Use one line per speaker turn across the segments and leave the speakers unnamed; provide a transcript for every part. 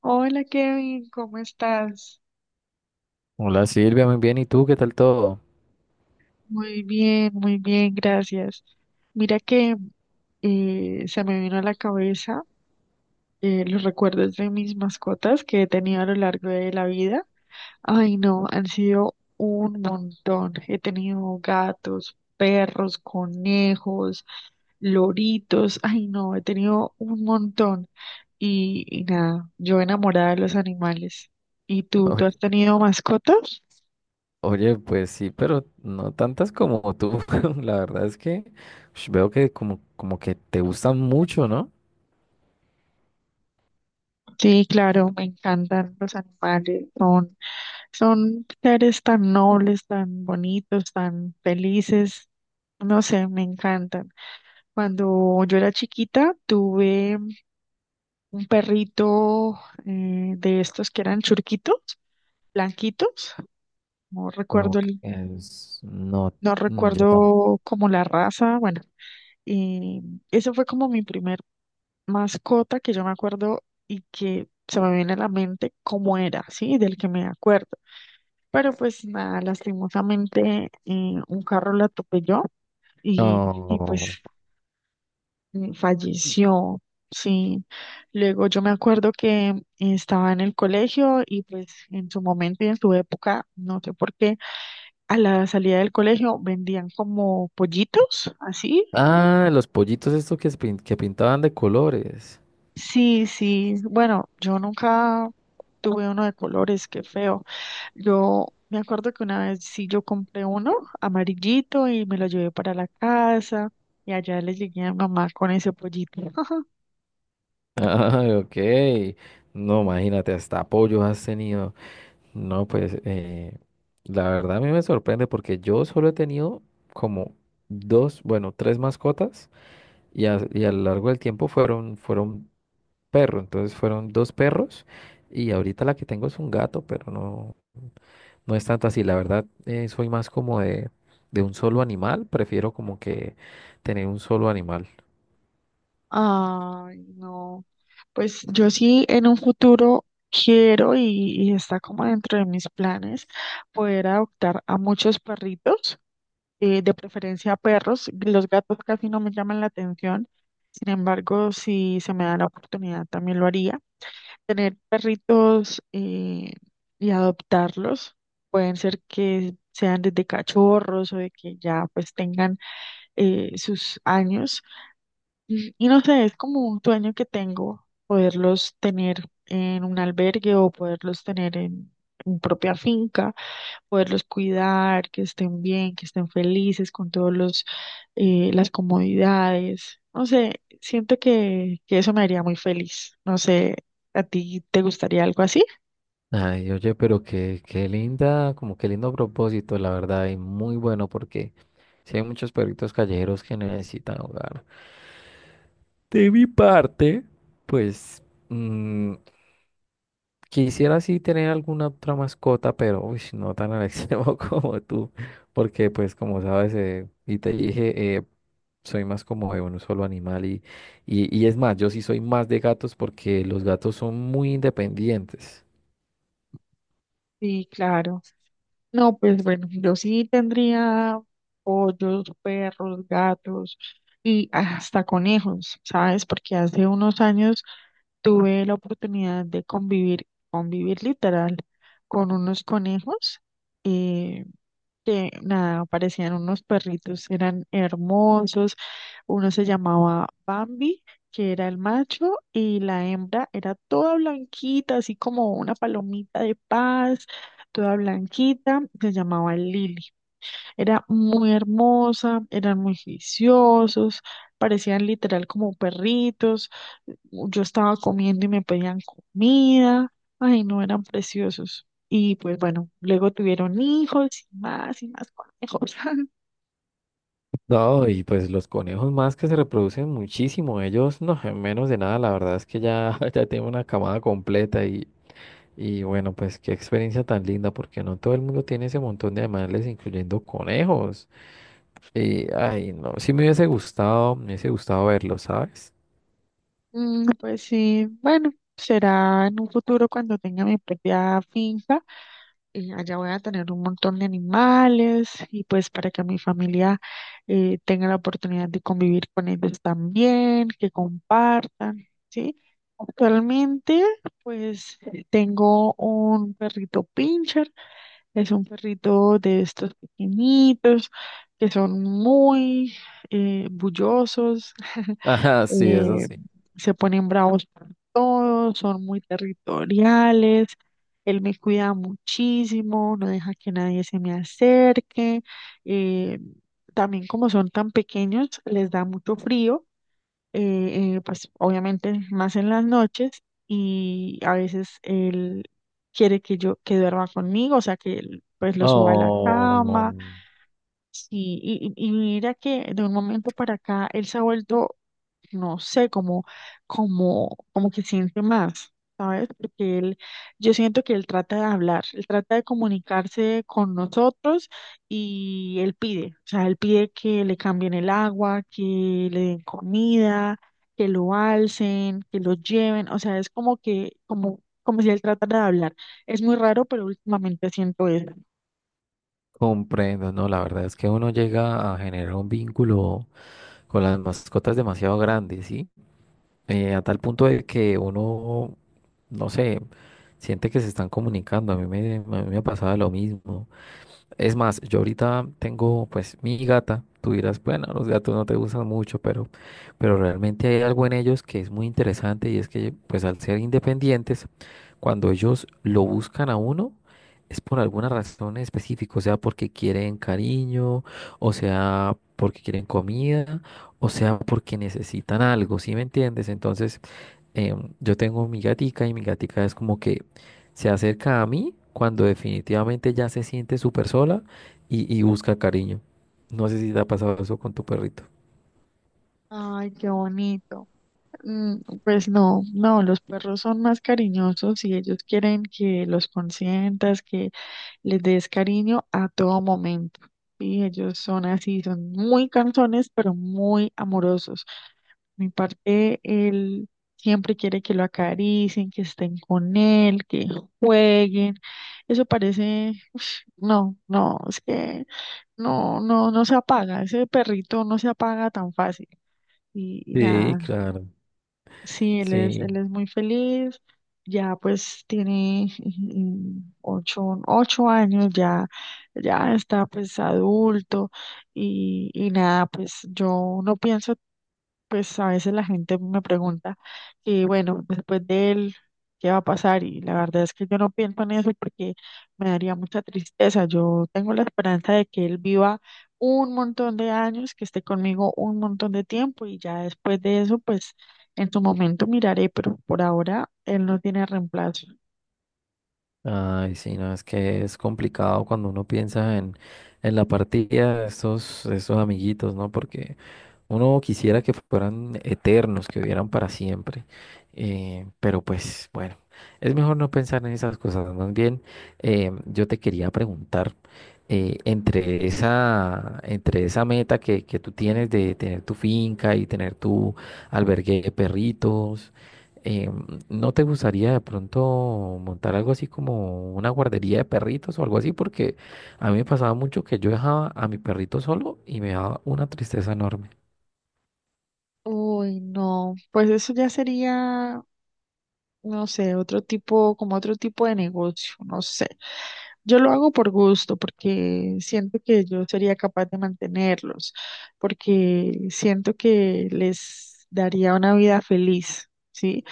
Hola Kevin, ¿cómo estás?
Hola Silvia, muy bien. ¿Y tú qué tal todo?
Muy bien, gracias. Mira que se me vino a la cabeza los recuerdos de mis mascotas que he tenido a lo largo de la vida. Ay, no, han sido un montón. He tenido gatos, perros, conejos, loritos. Ay, no, he tenido un montón. Y nada, yo enamorada de los animales. ¿Y tú has
Oye,
tenido mascotas?
oye, pues sí, pero no tantas como tú. La verdad es que veo que como que te gustan mucho, ¿no?
Sí, claro, me encantan los animales, son seres tan nobles, tan bonitos, tan felices, no sé, me encantan. Cuando yo era chiquita, tuve un perrito de estos que eran churquitos, blanquitos, no recuerdo
No,
no
mm, yo tampoco.
recuerdo como la raza, bueno, y eso fue como mi primer mascota que yo me acuerdo y que se me viene a la mente cómo era, ¿sí? Del que me acuerdo. Pero pues nada, lastimosamente un carro la atropelló y
No.
pues falleció. Sí, luego yo me acuerdo que estaba en el colegio y pues en su momento y en su época, no sé por qué, a la salida del colegio vendían como pollitos, así.
Ah, los pollitos estos que pintaban de colores.
Sí, sí, bueno, yo nunca tuve uno de colores, qué feo. Yo me acuerdo que una vez sí yo compré uno amarillito y me lo llevé para la casa y allá le llegué a mi mamá con ese pollito.
Ah, ok. No, imagínate, hasta apoyos has tenido. No, pues la verdad a mí me sorprende porque yo solo he tenido como dos, bueno, tres mascotas. Y a lo largo del tiempo fueron perro, entonces fueron dos perros y ahorita la que tengo es un gato, pero no, no es tanto así. La verdad, soy más como de un solo animal, prefiero como que tener un solo animal.
Ay, no. Pues yo sí en un futuro quiero y está como dentro de mis planes poder adoptar a muchos perritos, de preferencia perros. Los gatos casi no me llaman la atención. Sin embargo, si se me da la oportunidad, también lo haría. Tener perritos y adoptarlos. Pueden ser que sean desde cachorros o de que ya pues tengan sus años y no sé, es como un sueño que tengo, poderlos tener en un albergue o poderlos tener en mi propia finca, poderlos cuidar, que estén bien, que estén felices con todos las comodidades. No sé, siento que eso me haría muy feliz. No sé, ¿a ti te gustaría algo así?
Ay, oye, pero qué linda, como qué lindo propósito, la verdad, y muy bueno porque si hay muchos perritos callejeros que necesitan hogar. De mi parte, pues... mm, quisiera sí tener alguna otra mascota, pero uy, no tan al extremo como tú, porque pues como sabes, y te dije, soy más como de un solo animal y es más, yo sí soy más de gatos porque los gatos son muy independientes.
Sí, claro. No, pues bueno, yo sí tendría pollos, perros, gatos y hasta conejos, ¿sabes? Porque hace unos años tuve la oportunidad de convivir, convivir literal, con unos conejos. eh, que nada, parecían unos perritos, eran hermosos. Uno se llamaba Bambi, que era el macho, y la hembra era toda blanquita, así como una palomita de paz, toda blanquita, se llamaba Lily. Era muy hermosa, eran muy juiciosos, parecían literal como perritos. Yo estaba comiendo y me pedían comida. Ay, no, eran preciosos. Y pues bueno, luego tuvieron hijos y más conejos.
No, y pues los conejos más que se reproducen muchísimo, ellos no, en menos de nada, la verdad es que ya, ya tengo una camada completa y bueno, pues qué experiencia tan linda, porque no todo el mundo tiene ese montón de animales, incluyendo conejos. Y, ay, no, sí me hubiese gustado verlo, ¿sabes?
Pues sí, bueno, será en un futuro cuando tenga mi propia finca allá voy a tener un montón de animales y pues para que mi familia tenga la oportunidad de convivir con ellos también, que compartan, ¿sí? Actualmente, pues tengo un perrito pincher, es un perrito de estos pequeñitos que son muy bullosos,
Ajá, sí, eso
eh,
sí.
se ponen bravos por todo, son muy territoriales, él me cuida muchísimo, no deja que nadie se me acerque, eh, también como son tan pequeños, les da mucho frío, pues obviamente más en las noches y a veces él quiere que yo que duerma conmigo, o sea que él, pues lo suba a la cama,
Oh,
sí, y mira que de un momento para acá él se ha vuelto no sé, como que siente más, ¿sabes? Porque él, yo siento que él trata de hablar, él trata de comunicarse con nosotros y él pide, o sea, él pide que le cambien el agua, que le den comida, que lo alcen, que lo lleven, o sea, es como si él tratara de hablar. Es muy raro, pero últimamente siento eso.
comprendo, no, la verdad es que uno llega a generar un vínculo con las mascotas demasiado grande, ¿sí? A tal punto de que uno, no sé, siente que se están comunicando, a mí me pasaba lo mismo. Es más, yo ahorita tengo pues mi gata. Tú dirás, bueno, los gatos no te gustan mucho, pero realmente hay algo en ellos que es muy interesante y es que pues al ser independientes, cuando ellos lo buscan a uno, es por alguna razón específica, o sea, porque quieren cariño, o sea, porque quieren comida, o sea, porque necesitan algo, ¿sí me entiendes? Entonces, yo tengo mi gatica y mi gatica es como que se acerca a mí cuando definitivamente ya se siente súper sola y busca cariño. No sé si te ha pasado eso con tu perrito.
Ay, qué bonito. Pues no, no, los perros son más cariñosos y ellos quieren que los consientas, que les des cariño a todo momento. Y ellos son así, son muy cansones, pero muy amorosos. Mi parte, él siempre quiere que lo acaricien, que estén con él, que jueguen. Eso parece, ush, no, no, es que no, no, no se apaga. Ese perrito no se apaga tan fácil. Y
Sí,
nada.
claro.
Sí,
Sí.
él es muy feliz, ya pues tiene ocho años, ya, ya está pues adulto y nada, pues yo no pienso, pues a veces la gente me pregunta y bueno, después de él, ¿qué va a pasar? Y la verdad es que yo no pienso en eso porque me daría mucha tristeza. Yo tengo la esperanza de que él viva un montón de años, que esté conmigo un montón de tiempo y ya después de eso, pues en su momento miraré, pero por ahora él no tiene reemplazo.
Ay, sí, no, es que es complicado cuando uno piensa en la partida de estos amiguitos, ¿no? Porque uno quisiera que fueran eternos, que vivieran para siempre, pero pues bueno, es mejor no pensar en esas cosas. Más bien, yo te quería preguntar, entre entre esa meta que tú tienes de tener tu finca y tener tu albergue de perritos, eh, ¿no te gustaría de pronto montar algo así como una guardería de perritos o algo así? Porque a mí me pasaba mucho que yo dejaba a mi perrito solo y me daba una tristeza enorme.
Uy, no, pues eso ya sería, no sé, otro tipo, como otro tipo de negocio, no sé. Yo lo hago por gusto, porque siento que yo sería capaz de mantenerlos, porque siento que les daría una vida feliz, ¿sí?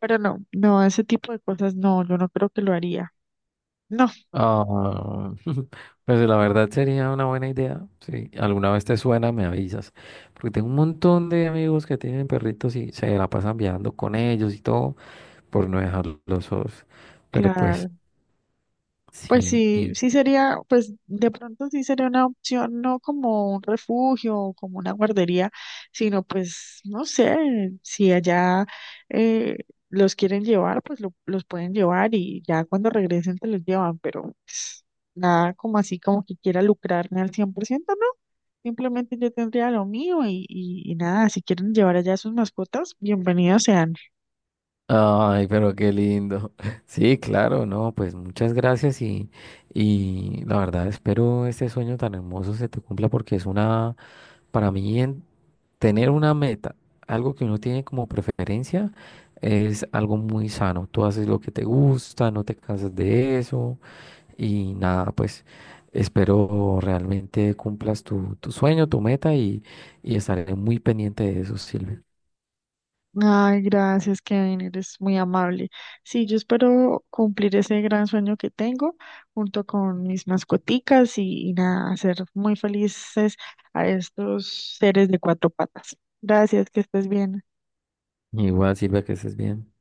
Pero no, no, ese tipo de cosas no, yo no creo que lo haría. No,
Ah, pues la verdad sería una buena idea. Si alguna vez te suena, me avisas. Porque tengo un montón de amigos que tienen perritos y se la pasan viajando con ellos y todo por no dejarlos solos. Pero pues
claro. Pues
sí.
sí,
Y-
sí sería, pues de pronto sí sería una opción, no como un refugio o como una guardería, sino pues, no sé, si allá eh, los quieren llevar, pues los pueden llevar y ya cuando regresen te los llevan, pero pues, nada como así como que quiera lucrarme al 100% no, simplemente yo tendría lo mío y nada, si quieren llevar allá sus mascotas, bienvenidos sean.
ay, pero qué lindo. Sí, claro, no, pues muchas gracias y la verdad espero este sueño tan hermoso se te cumpla porque es una, para mí en- Tener una meta, algo que uno tiene como preferencia, es algo muy sano. Tú haces lo que te gusta, no te cansas de eso y nada, pues espero realmente cumplas tu sueño, tu meta y estaré muy pendiente de eso, Silvia.
Ay, gracias, Kevin, eres muy amable. Sí, yo espero cumplir ese gran sueño que tengo junto con mis mascoticas y nada, hacer muy felices a estos seres de cuatro patas. Gracias, que estés bien.
Igual, Silvia, que estés bien.